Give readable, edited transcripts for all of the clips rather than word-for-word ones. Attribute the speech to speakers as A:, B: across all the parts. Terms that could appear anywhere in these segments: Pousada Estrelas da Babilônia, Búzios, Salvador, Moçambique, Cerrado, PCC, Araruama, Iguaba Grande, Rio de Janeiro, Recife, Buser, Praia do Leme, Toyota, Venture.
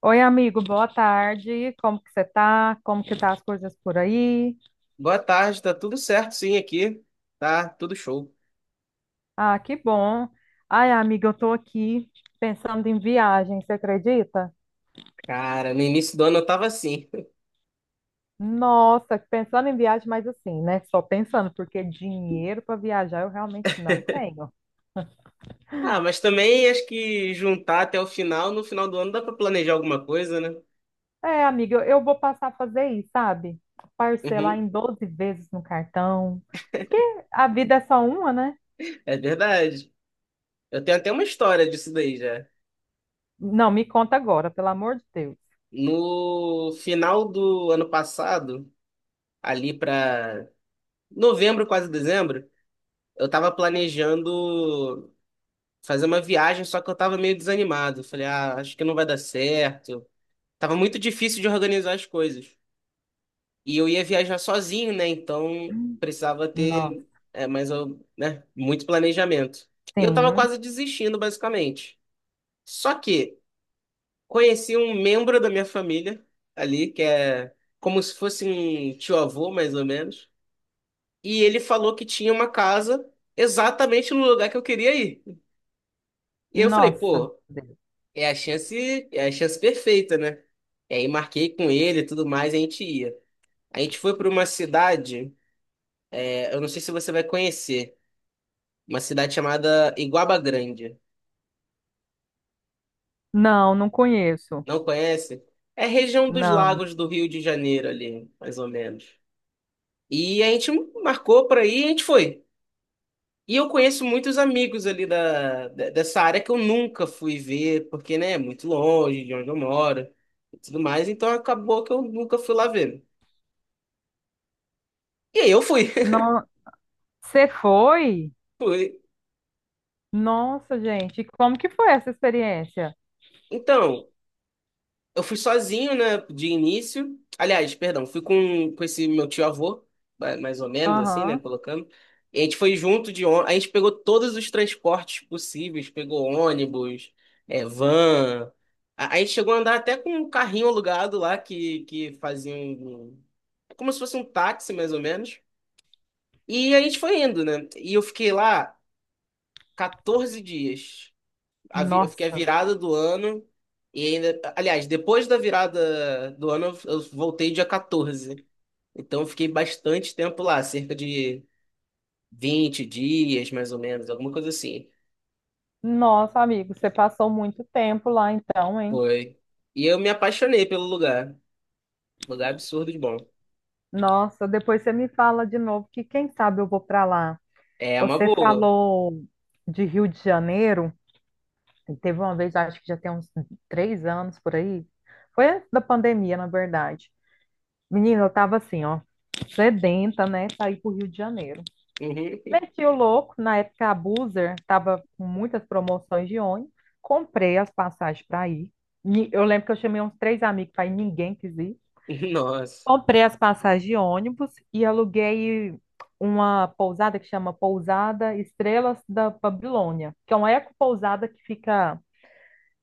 A: Oi, amigo, boa tarde. Como que você tá? Como que tá as coisas por aí?
B: Boa tarde, tá tudo certo sim aqui. Tá tudo show.
A: Ah, que bom. Ai, amiga, eu tô aqui pensando em viagem, você acredita?
B: Cara, no início do ano eu tava assim.
A: Nossa, pensando em viagem, mas assim, né? Só pensando, porque dinheiro para viajar eu realmente não tenho.
B: Ah, mas também acho que juntar até o final, no final do ano dá pra planejar alguma coisa, né?
A: É, amiga, eu vou passar a fazer isso, sabe? Parcelar
B: Uhum,
A: em 12 vezes no cartão. Porque a vida é só uma, né?
B: é verdade. Eu tenho até uma história disso daí já.
A: Não, me conta agora, pelo amor de Deus.
B: No final do ano passado, ali pra novembro, quase dezembro, eu tava planejando fazer uma viagem, só que eu tava meio desanimado. Falei, ah, acho que não vai dar certo. Tava muito difícil de organizar as coisas. E eu ia viajar sozinho, né? Então precisava ter
A: Nossa,
B: né? Muito planejamento. E eu tava
A: sim.
B: quase desistindo, basicamente. Só que conheci um membro da minha família ali, que é como se fosse um tio-avô, mais ou menos. E ele falou que tinha uma casa exatamente no lugar que eu queria ir. E eu falei,
A: Nossa.
B: pô, é a chance perfeita, né? E aí marquei com ele e tudo mais, e a gente ia. A gente foi para uma cidade, é, eu não sei se você vai conhecer. Uma cidade chamada Iguaba Grande.
A: Não, não conheço.
B: Não conhece? É região dos
A: Não.
B: lagos do Rio de Janeiro ali, mais ou menos. E a gente marcou para ir e a gente foi. E eu conheço muitos amigos ali dessa área que eu nunca fui ver, porque, né, é muito longe de onde eu moro e tudo mais, então acabou que eu nunca fui lá ver. E aí eu fui.
A: Não, você foi?
B: Fui.
A: Nossa, gente, como que foi essa experiência?
B: Então, eu fui sozinho, né, de início. Aliás, perdão, fui com esse meu tio-avô, mais ou menos assim, né,
A: Aham.
B: colocando. E a gente foi junto de ônibus, a gente pegou todos os transportes possíveis, pegou ônibus, é, van. A gente chegou a andar até com um carrinho alugado lá que fazia um, como se fosse um táxi, mais ou menos. E a gente foi indo, né? E eu fiquei lá 14 dias eu fiquei a
A: Nossa.
B: virada do ano e ainda, aliás, depois da virada do ano eu voltei dia 14. Então eu fiquei bastante tempo lá, cerca de 20 dias mais ou menos, alguma coisa assim.
A: Nossa, amigo, você passou muito tempo lá então, hein?
B: Foi. E eu me apaixonei pelo lugar. Lugar absurdo de bom.
A: Nossa, depois você me fala de novo que quem sabe eu vou para lá.
B: É uma
A: Você
B: boa.
A: falou de Rio de Janeiro, e teve uma vez, acho que já tem uns 3 anos por aí. Foi antes da pandemia, na verdade. Menina, eu tava assim, ó, sedenta, né, sair pro Rio de Janeiro.
B: Uhum.
A: Meti o louco, na época a Buser estava com muitas promoções de ônibus, comprei as passagens para ir. Eu lembro que eu chamei uns três amigos para ir, ninguém quis ir.
B: Nossa.
A: Comprei as passagens de ônibus e aluguei uma pousada que chama Pousada Estrelas da Babilônia, que é uma ecopousada que fica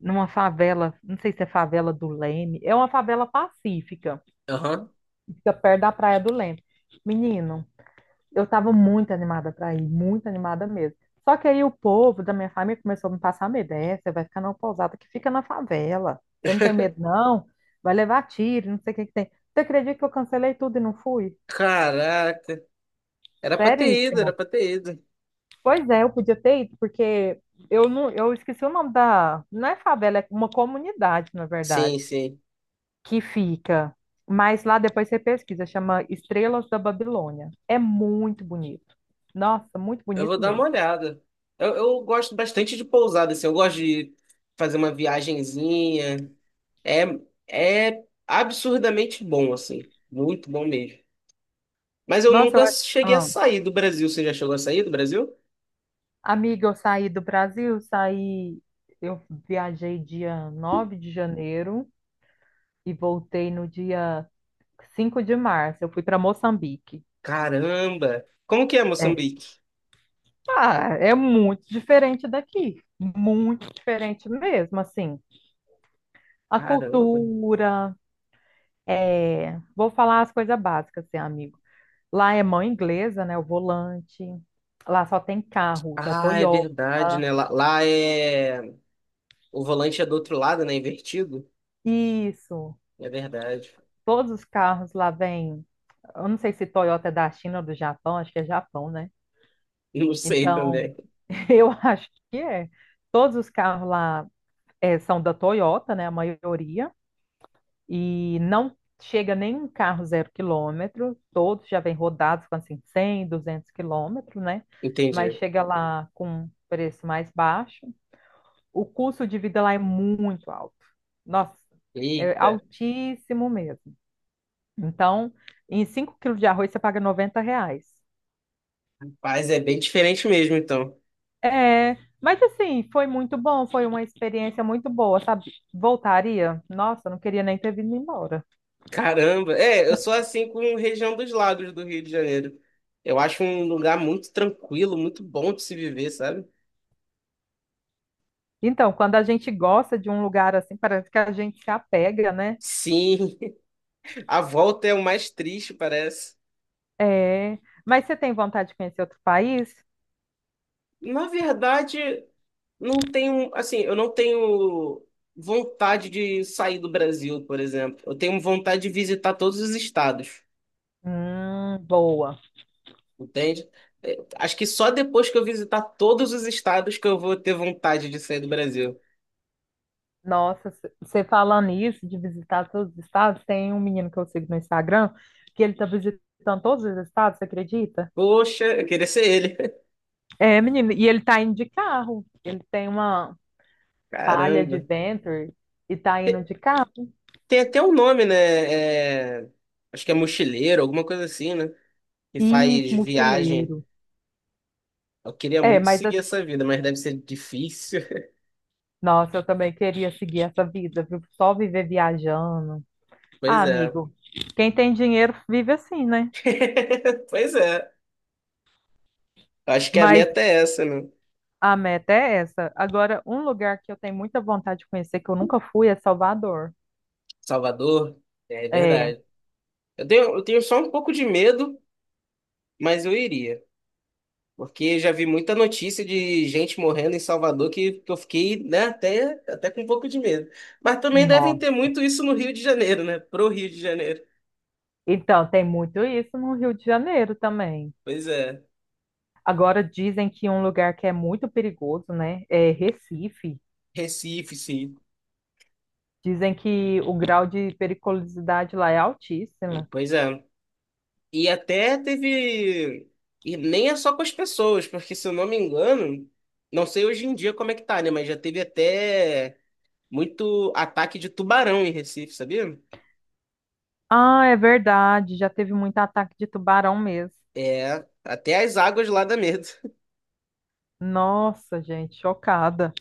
A: numa favela, não sei se é favela do Leme, é uma favela pacífica,
B: Aham.
A: que fica perto da Praia do Leme. Menino, eu estava muito animada para ir, muito animada mesmo. Só que aí o povo da minha família começou a me passar medo. É, você vai ficar numa pousada que fica na favela. Você não tem medo, não? Vai levar tiro, não sei o que que tem. Você acredita que eu cancelei tudo e não fui?
B: Caraca. Era pra ter ido, era
A: Seríssimo.
B: pra ter ido.
A: Pois é, eu podia ter ido, porque eu não, eu esqueci o nome da. Não é favela, é uma comunidade, na
B: Sim,
A: verdade,
B: sim.
A: que fica. Mas lá depois você pesquisa, chama Estrelas da Babilônia. É muito bonito. Nossa, muito
B: Eu vou
A: bonito
B: dar uma
A: mesmo.
B: olhada. Eu gosto bastante de pousada, assim. Eu gosto de fazer uma viagenzinha. É, é absurdamente bom, assim. Muito bom mesmo. Mas eu
A: Nossa, eu
B: nunca
A: acho.
B: cheguei a sair do Brasil. Você já chegou a sair do Brasil?
A: Amiga, eu saí do Brasil, saí, eu viajei dia 9 de janeiro e voltei no dia 5 de março. Eu fui para Moçambique.
B: Caramba! Como que é
A: É.
B: Moçambique?
A: Ah, é muito diferente daqui, muito diferente mesmo, assim. A
B: Caramba!
A: cultura, é, vou falar as coisas básicas, assim, amigo. Lá é mão inglesa, né, o volante. Lá só tem carro da
B: Ah, é
A: Toyota.
B: verdade, né? Lá, lá é... O volante é do outro lado, né? Invertido.
A: Isso.
B: É verdade.
A: Todos os carros lá vêm. Eu não sei se Toyota é da China ou do Japão, acho que é Japão, né?
B: Não sei
A: Então,
B: também.
A: eu acho que é. Todos os carros lá são da Toyota, né? A maioria. E não chega nenhum carro zero quilômetro. Todos já vêm rodados com assim 100, 200 quilômetros, né? Mas
B: Entendi.
A: chega lá com preço mais baixo. O custo de vida lá é muito alto. Nossa, é
B: Eita.
A: altíssimo mesmo. Então, em 5 quilos de arroz você paga R$ 90.
B: Mas é bem diferente mesmo, então.
A: É, mas assim, foi muito bom, foi uma experiência muito boa, sabe? Voltaria? Nossa, não queria nem ter vindo embora.
B: Caramba, é, eu sou assim com região dos lagos do Rio de Janeiro. Eu acho um lugar muito tranquilo, muito bom de se viver, sabe?
A: Então, quando a gente gosta de um lugar assim, parece que a gente se apega, né?
B: Sim, a volta é o mais triste, parece.
A: É, mas você tem vontade de conhecer outro país?
B: Na verdade, não tenho, assim, eu não tenho vontade de sair do Brasil, por exemplo. Eu tenho vontade de visitar todos os estados,
A: Boa.
B: entende? É, acho que só depois que eu visitar todos os estados que eu vou ter vontade de sair do Brasil.
A: Nossa, você falando isso, de visitar todos os estados, tem um menino que eu sigo no Instagram, que ele tá visitando todos os estados, você acredita?
B: Poxa, eu queria ser ele.
A: É, menino, e ele tá indo de carro. Ele tem uma palha de
B: Caramba.
A: Venture e tá indo de carro.
B: Tem até um nome, né? É, acho que é mochileiro, alguma coisa assim, né? Que
A: Isso,
B: faz viagem.
A: mochileiro.
B: Eu queria
A: É,
B: muito
A: mas
B: seguir essa vida, mas deve ser difícil.
A: nossa, eu também queria seguir essa vida, viu? Só viver viajando. Ah,
B: Pois é.
A: amigo, quem tem dinheiro vive assim, né?
B: Pois é. Acho que a
A: Mas
B: meta é essa, né?
A: a meta é essa. Agora, um lugar que eu tenho muita vontade de conhecer, que eu nunca fui, é Salvador.
B: Salvador, é
A: É,
B: verdade. Eu tenho só um pouco de medo, mas eu iria. Porque já vi muita notícia de gente morrendo em Salvador que eu fiquei, né, até, até com um pouco de medo. Mas também devem ter
A: nossa.
B: muito isso no Rio de Janeiro, né? Pro Rio de Janeiro.
A: Então, tem muito isso no Rio de Janeiro também.
B: Pois é.
A: Agora dizem que um lugar que é muito perigoso, né, é Recife.
B: Recife, sim.
A: Dizem que o grau de periculosidade lá é altíssimo.
B: Pois é. E até teve. E nem é só com as pessoas, porque se eu não me engano, não sei hoje em dia como é que tá, né? Mas já teve até muito ataque de tubarão em Recife, sabia?
A: Ah, é verdade, já teve muito ataque de tubarão mesmo.
B: É, até as águas lá dá medo.
A: Nossa, gente, chocada.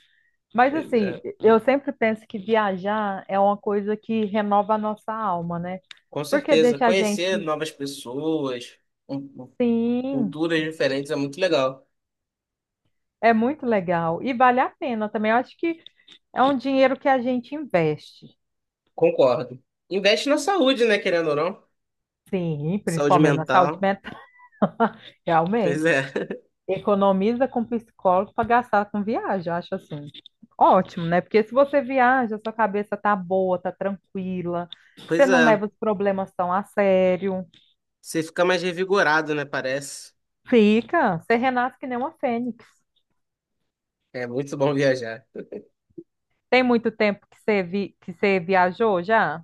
A: Mas
B: Mas,
A: assim,
B: é,
A: eu sempre penso que viajar é uma coisa que renova a nossa alma, né?
B: com
A: Porque
B: certeza.
A: deixa a
B: Conhecer
A: gente,
B: novas pessoas, um- um-
A: sim,
B: culturas diferentes é muito legal.
A: é muito legal e vale a pena também. Eu acho que é um dinheiro que a gente investe.
B: Concordo. Investe na saúde, né, querendo ou não?
A: Sim,
B: Saúde
A: principalmente na saúde
B: mental.
A: mental.
B: Pois
A: Realmente.
B: é.
A: Economiza com psicólogo para gastar com viagem, eu acho assim. Ótimo, né? Porque se você viaja, sua cabeça tá boa, tá tranquila, você
B: Pois
A: não
B: é.
A: leva os problemas tão a sério.
B: Você fica mais revigorado, né? Parece.
A: Fica, você renasce que nem uma fênix.
B: É muito bom viajar.
A: Tem muito tempo que você que você viajou já?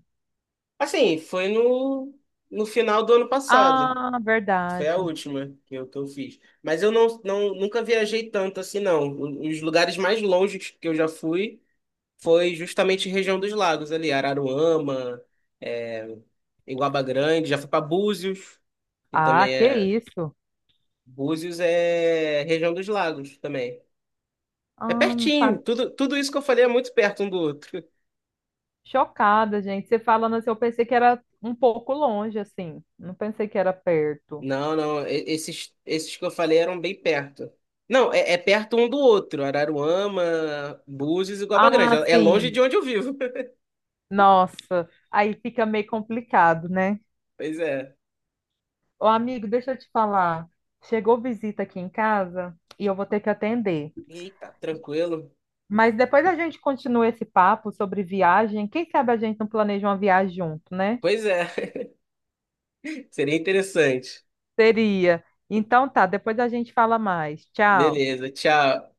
B: Assim, foi no final do ano passado.
A: Ah,
B: Foi a
A: verdade.
B: última que eu fiz. Mas eu nunca viajei tanto assim, não. Os lugares mais longe que eu já fui foi justamente região dos lagos ali, Araruama, é, Iguaba Grande. Já fui para Búzios, que
A: Ah,
B: também
A: que
B: é.
A: isso?
B: Búzios é região dos lagos também. É
A: Ah, não
B: pertinho.
A: sabe?
B: Tudo isso que eu falei é muito perto um do outro.
A: Chocada, gente. Você falando assim, eu pensei que era um pouco longe, assim. Não pensei que era perto.
B: Não, não. Esses, esses que eu falei eram bem perto. Não, é, é perto um do outro. Araruama, Búzios e Guaba Grande.
A: Ah,
B: É longe de
A: sim.
B: onde eu vivo.
A: Nossa, aí fica meio complicado, né?
B: Pois é.
A: Ô, amigo, deixa eu te falar. Chegou visita aqui em casa e eu vou ter que atender.
B: Eita, tranquilo.
A: Mas depois a gente continua esse papo sobre viagem. Quem sabe a gente não planeja uma viagem junto, né?
B: Pois é. Seria interessante.
A: Seria. Então tá, depois a gente fala mais. Tchau.
B: Beleza, tchau.